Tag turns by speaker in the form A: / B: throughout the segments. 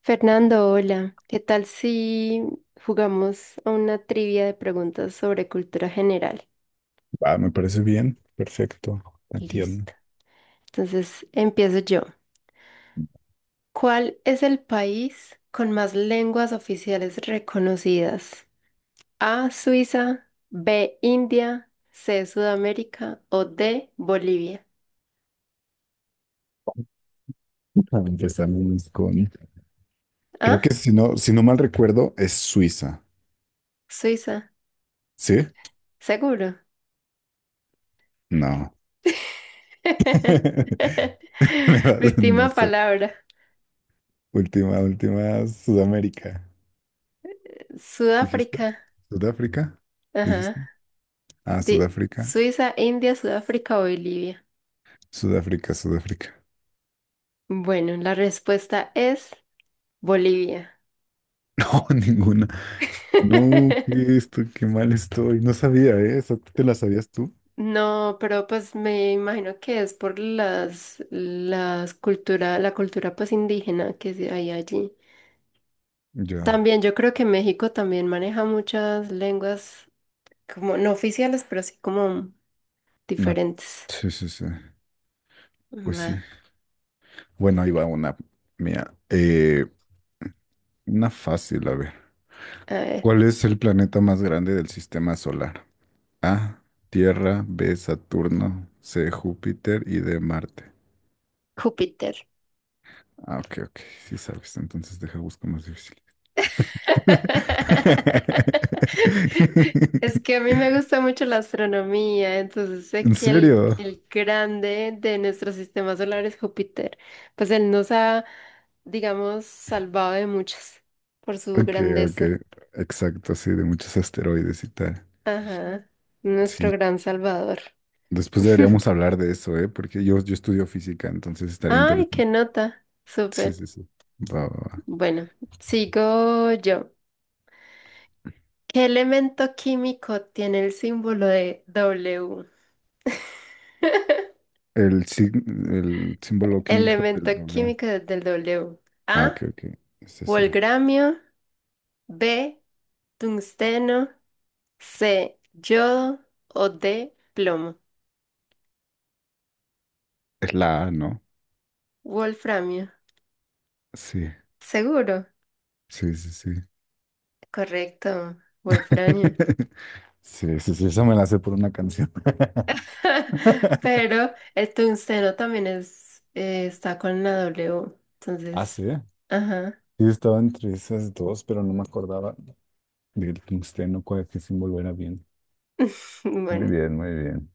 A: Fernando, hola. ¿Qué tal si jugamos a una trivia de preguntas sobre cultura general?
B: Ah, me parece bien, perfecto, atiendo.
A: Listo. Entonces, empiezo yo. ¿Cuál es el país con más lenguas oficiales reconocidas? A, Suiza; B, India; C, Sudamérica; o D, Bolivia.
B: Empezamos con, creo
A: Ah,
B: que si no mal recuerdo, es Suiza,
A: Suiza,
B: ¿sí?
A: seguro.
B: No. Me vas- No
A: Última
B: sé.
A: palabra.
B: Última, última, Sudamérica, dijiste.
A: Sudáfrica.
B: ¿Sudáfrica?
A: Ajá.
B: ¿Dijiste? Ah,
A: De
B: Sudáfrica.
A: Suiza, India, Sudáfrica o Bolivia.
B: Sudáfrica, Sudáfrica.
A: Bueno, la respuesta es Bolivia.
B: No, ninguna. No, qué esto, qué mal estoy. No sabía, ¿eh? ¿Esa te la sabías tú?
A: No, pero pues me imagino que es por la cultura pues indígena que sí hay allí.
B: Yo,
A: También yo creo que México también maneja muchas lenguas como no oficiales, pero sí como
B: no.
A: diferentes.
B: Sí, sí, sí. Pues
A: Va,
B: sí. Bueno, ahí va una mía. Una fácil, a ver.
A: a ver,
B: ¿Cuál es el planeta más grande del sistema solar? A, Tierra; B, Saturno; C, Júpiter; y D, Marte.
A: Júpiter.
B: Ah, ok, ok, sí sabes, entonces deja busco más difícil.
A: Es que a mí me gusta mucho la astronomía, entonces sé
B: ¿En
A: que el,
B: serio?
A: el grande de nuestro sistema solar es Júpiter. Pues él nos ha, digamos, salvado de muchas por su
B: Ok, ok,
A: grandeza.
B: exacto, sí, de muchos asteroides y tal.
A: Ajá, nuestro
B: Sí,
A: gran salvador.
B: después deberíamos hablar de eso, ¿eh? Porque yo estudio física, entonces estaría
A: Ay, qué
B: interesante.
A: nota.
B: Sí,
A: Súper.
B: sí, sí. Va, va, va.
A: Bueno, sigo yo. ¿Qué elemento químico tiene el símbolo de W?
B: El, el símbolo químico
A: Elemento
B: del W.
A: químico del W.
B: Ah, ok,
A: A,
B: ok, ese sí.
A: volgramio; B, tungsteno; C, yodo; o D, plomo.
B: Es la A, ¿no?
A: Wolframio.
B: Sí,
A: Seguro.
B: sí, sí, sí.
A: Correcto. Wolframio.
B: Sí, sí, sí, eso me la sé por una canción.
A: Pero el tungsteno también es, está con la W.
B: Ah, sí.
A: Entonces, ajá.
B: Sí, estaba entre esas dos, pero no me acordaba del tungsteno, cuál qué símbolo era bien. Muy
A: Bueno,
B: bien, muy bien.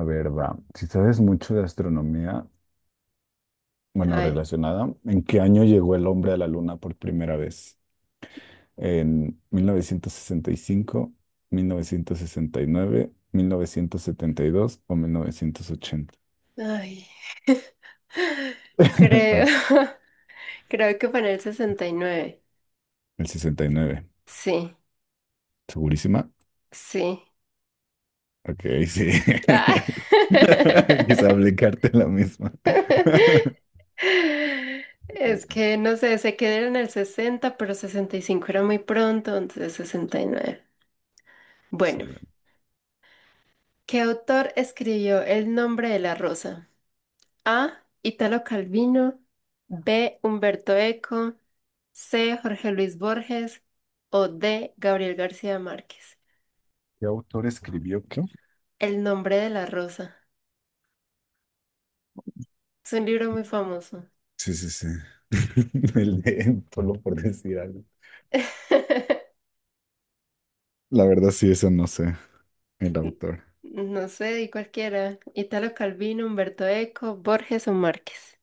B: A ver, va. Si sabes mucho de astronomía,
A: a
B: bueno,
A: ver.
B: relacionada, ¿en qué año llegó el hombre a la luna por primera vez? En mil novecientos sesenta y cinco, nueve 1972 o 1980.
A: Ay. Creo,
B: Al-
A: creo que fue en el 69.
B: El 69.
A: Sí.
B: ¿Segurísima?
A: Sí.
B: Ok, sí.
A: Ah.
B: Quizá aplicarte la misma.
A: Es que no sé, se quedó en el 60, pero 65 era muy pronto, entonces 69. Bueno, ¿qué autor escribió El nombre de la rosa? A, Italo Calvino; B, Humberto Eco; C, Jorge Luis Borges; o D, Gabriel García Márquez.
B: ¿Qué autor escribió qué?
A: El nombre de la rosa. Es un libro muy famoso.
B: Sí, sí, sí. El de, solo por decir algo. La verdad, sí, eso no sé. El
A: N-
B: autor.
A: No sé, di cualquiera. Italo Calvino, Humberto Eco, Borges o Márquez.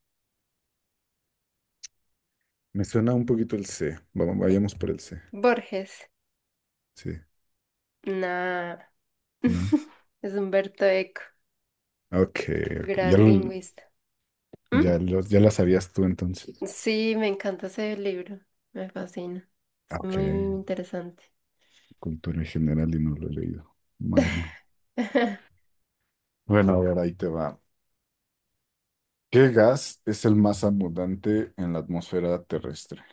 B: Me suena un poquito el C. Vamos, vayamos por el C.
A: Borges.
B: Sí,
A: Nah.
B: ¿no?
A: Es Humberto Eco,
B: Ok, ok. Ya
A: gran
B: lo,
A: lingüista. ¿Mm?
B: Ya la sabías tú entonces.
A: Sí, me encanta ese libro. Me fascina.
B: Ah,
A: Es
B: ok,
A: muy interesante.
B: cultura en general y no lo he leído. Madre mía. Bueno, a ver, ahí te va. ¿Qué gas es el más abundante en la atmósfera terrestre?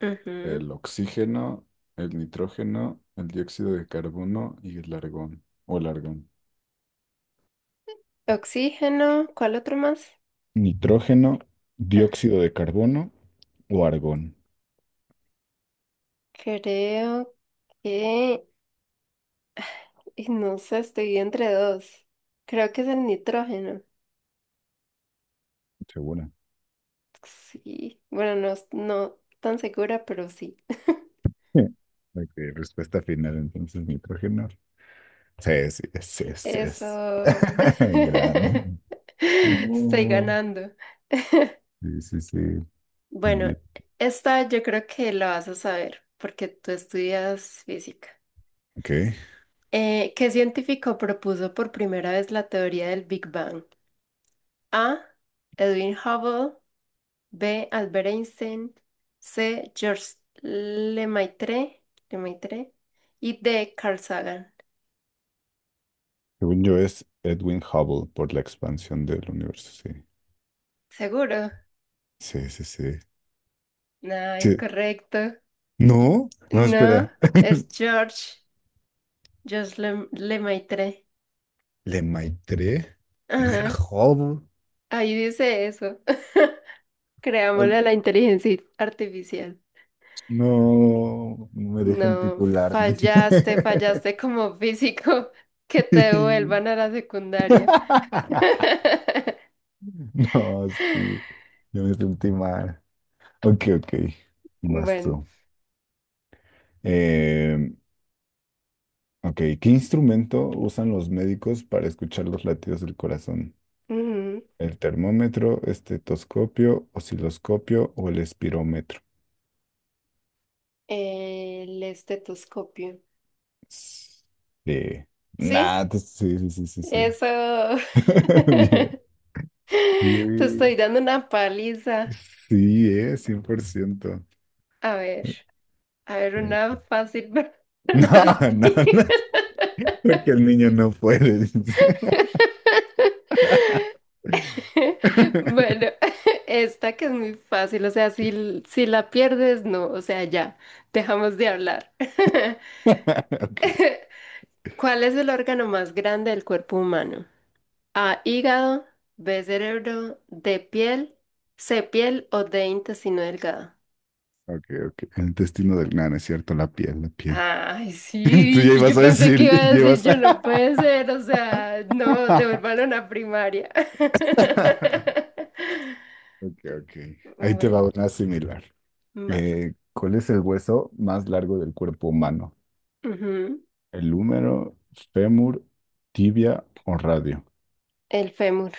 A: Ujú.
B: ¿El oxígeno, el nitrógeno, el dióxido de carbono y el argón? ¿O el argón?
A: Oxígeno, ¿cuál otro más?
B: Nitrógeno,
A: Ah,
B: dióxido de carbono o argón.
A: creo que y no sé, estoy entre dos. Creo que es el nitrógeno.
B: ¿Segura?
A: Sí, bueno, no, no tan segura, pero sí.
B: Sí. Ok, respuesta final entonces, nitrógeno. Sí, sí, sí, sí es.
A: Eso.
B: Gran.
A: Estoy
B: No.
A: ganando.
B: Sí, sí, sí. Muy
A: Bueno,
B: bien.
A: esta yo creo que la vas a saber porque tú estudias física.
B: Ok.
A: ¿Qué científico propuso por primera vez la teoría del Big Bang? A, Edwin Hubble; B, Albert Einstein; C, Georges Lemaitre. Lemaitre. Y D, Carl Sagan.
B: Según yo es Edwin Hubble por la expansión del universo.
A: ¿Seguro?
B: Sí. Sí, sí, sí.
A: No,
B: Sí.
A: incorrecto.
B: No, no,
A: No,
B: espera.
A: es Georges Lemaitre.
B: ¿Le Maitré? No era
A: Ajá,
B: Hubble.
A: ahí dice eso.
B: Ah,
A: Creámosle a la inteligencia artificial.
B: no, no me dejen
A: No,
B: titularme.
A: fallaste, fallaste como físico. Que te
B: Sí.
A: devuelvan a la secundaria.
B: No, sí. Yo me sentí mal. Ok, ok. Vas
A: Bueno,
B: tú. Em, Ok, ¿qué instrumento usan los médicos para escuchar los latidos del corazón?
A: ujú.
B: ¿El termómetro, estetoscopio, osciloscopio o el espirómetro?
A: El estetoscopio.
B: S- Eh,
A: Sí,
B: nah, sí, sí, sí, sí, sí.
A: eso.
B: Bien.
A: Te
B: Y-
A: estoy dando una paliza.
B: Sí, 100%.
A: A ver. A ver,
B: Eh,
A: una fácil
B: No,
A: para
B: no,
A: ti.
B: no, porque el niño no puede, dice.
A: Bueno, esta que es muy fácil, o sea, si la pierdes, no, o sea, ya, dejamos de hablar.
B: Ok,
A: ¿Cuál es el órgano más grande del cuerpo humano? A, hígado; B, cerebro; D, piel; C, piel; o D, intestino delgado.
B: ok, ok. El destino del nano, es cierto, la piel, la piel.
A: Ay,
B: Tú
A: sí,
B: ya
A: y
B: ibas
A: yo
B: a
A: pensé que iba
B: decir,
A: a decir,
B: llevas.
A: yo no puede ser, o sea, no, devuélvanlo a primaria.
B: Ok, ok. Ahí te va
A: Bueno,
B: una similar.
A: va.
B: ¿Cuál es el hueso más largo del cuerpo humano?
A: Ujú.
B: ¿El húmero, fémur, tibia o radio?
A: El fémur.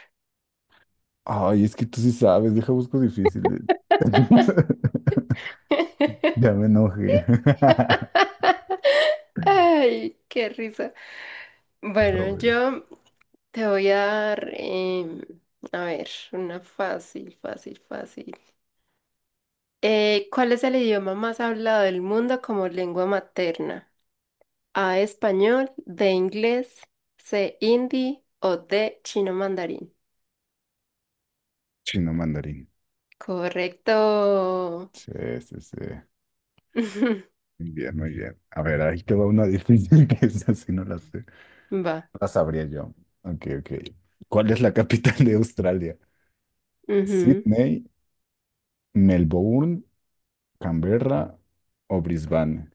B: Ay, es que tú sí sabes, deja busco difíciles. Ya me enojé.
A: Ay, qué risa. Bueno,
B: Pobre.
A: yo te voy a dar, a ver, una fácil, fácil, fácil. ¿Cuál es el idioma más hablado del mundo como lengua materna? A, español; de, inglés; C, hindi; o D, chino mandarín.
B: Chino mandarín.
A: Correcto.
B: Sí, sí, sí. Muy bien, muy bien. A ver, ahí te va una difícil que es así, no la sé. No
A: Va.
B: la sabría yo. Ok, ok. ¿Cuál es la capital de Australia?
A: Ujú.
B: ¿Sydney, Melbourne, Canberra o Brisbane?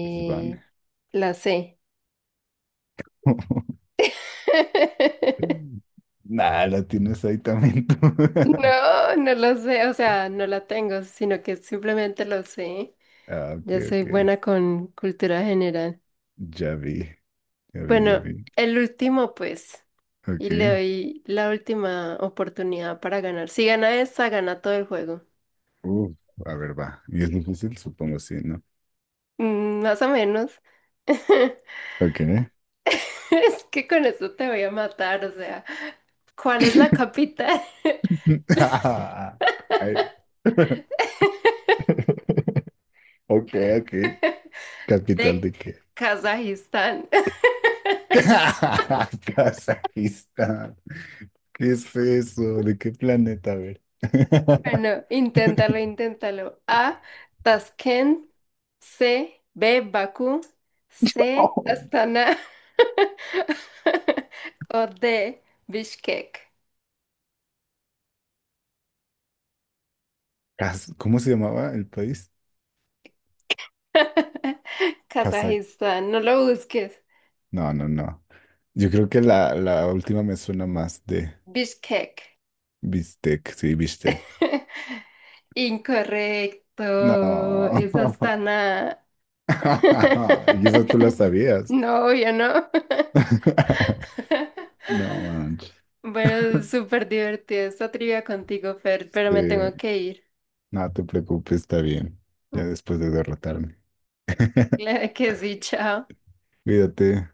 B: Brisbane.
A: la C.
B: Nah, la tienes ahí también tú.
A: No, no lo sé, o sea, no la tengo, sino que simplemente lo sé.
B: Ah, ok,
A: Yo soy
B: ok.
A: buena con cultura general.
B: Ya vi, ya vi, ya
A: Bueno,
B: vi.
A: el último pues, y le
B: Ok.
A: doy la última oportunidad para ganar. Si gana esta, gana todo el juego.
B: Uf, a ver, va. ¿Y es difícil? Supongo sí, ¿no?
A: Mm, más o menos.
B: Ok.
A: Es que con eso te voy a matar, o sea, ¿cuál es la capital
B: Ah, ay. Ok, ok. ¿Capital
A: de
B: de qué?
A: Kazajistán?
B: Kazajistán. ¿Qué es eso? ¿De qué planeta? A ver.
A: Bueno, inténtalo, inténtalo. A, Tashkent; B, Bakú; C, Astana; o D, Bishkek.
B: Kaz- ¿Cómo se llamaba el país? Kazak.
A: Kazajistán, no lo busques.
B: No, no, no. Yo creo que la última me suena más de
A: Bishkek.
B: Bistec. Sí, Bistec.
A: Incorrecto,
B: No.
A: es Astana.
B: Y eso tú la sabías.
A: No, obvio, no.
B: No, manches.
A: Bueno, súper divertido esta trivia contigo, Fer, pero
B: Sí,
A: me tengo que ir.
B: no te preocupes, está bien. Ya después de derrotarme.
A: Claro que sí, chao.
B: Cuídate.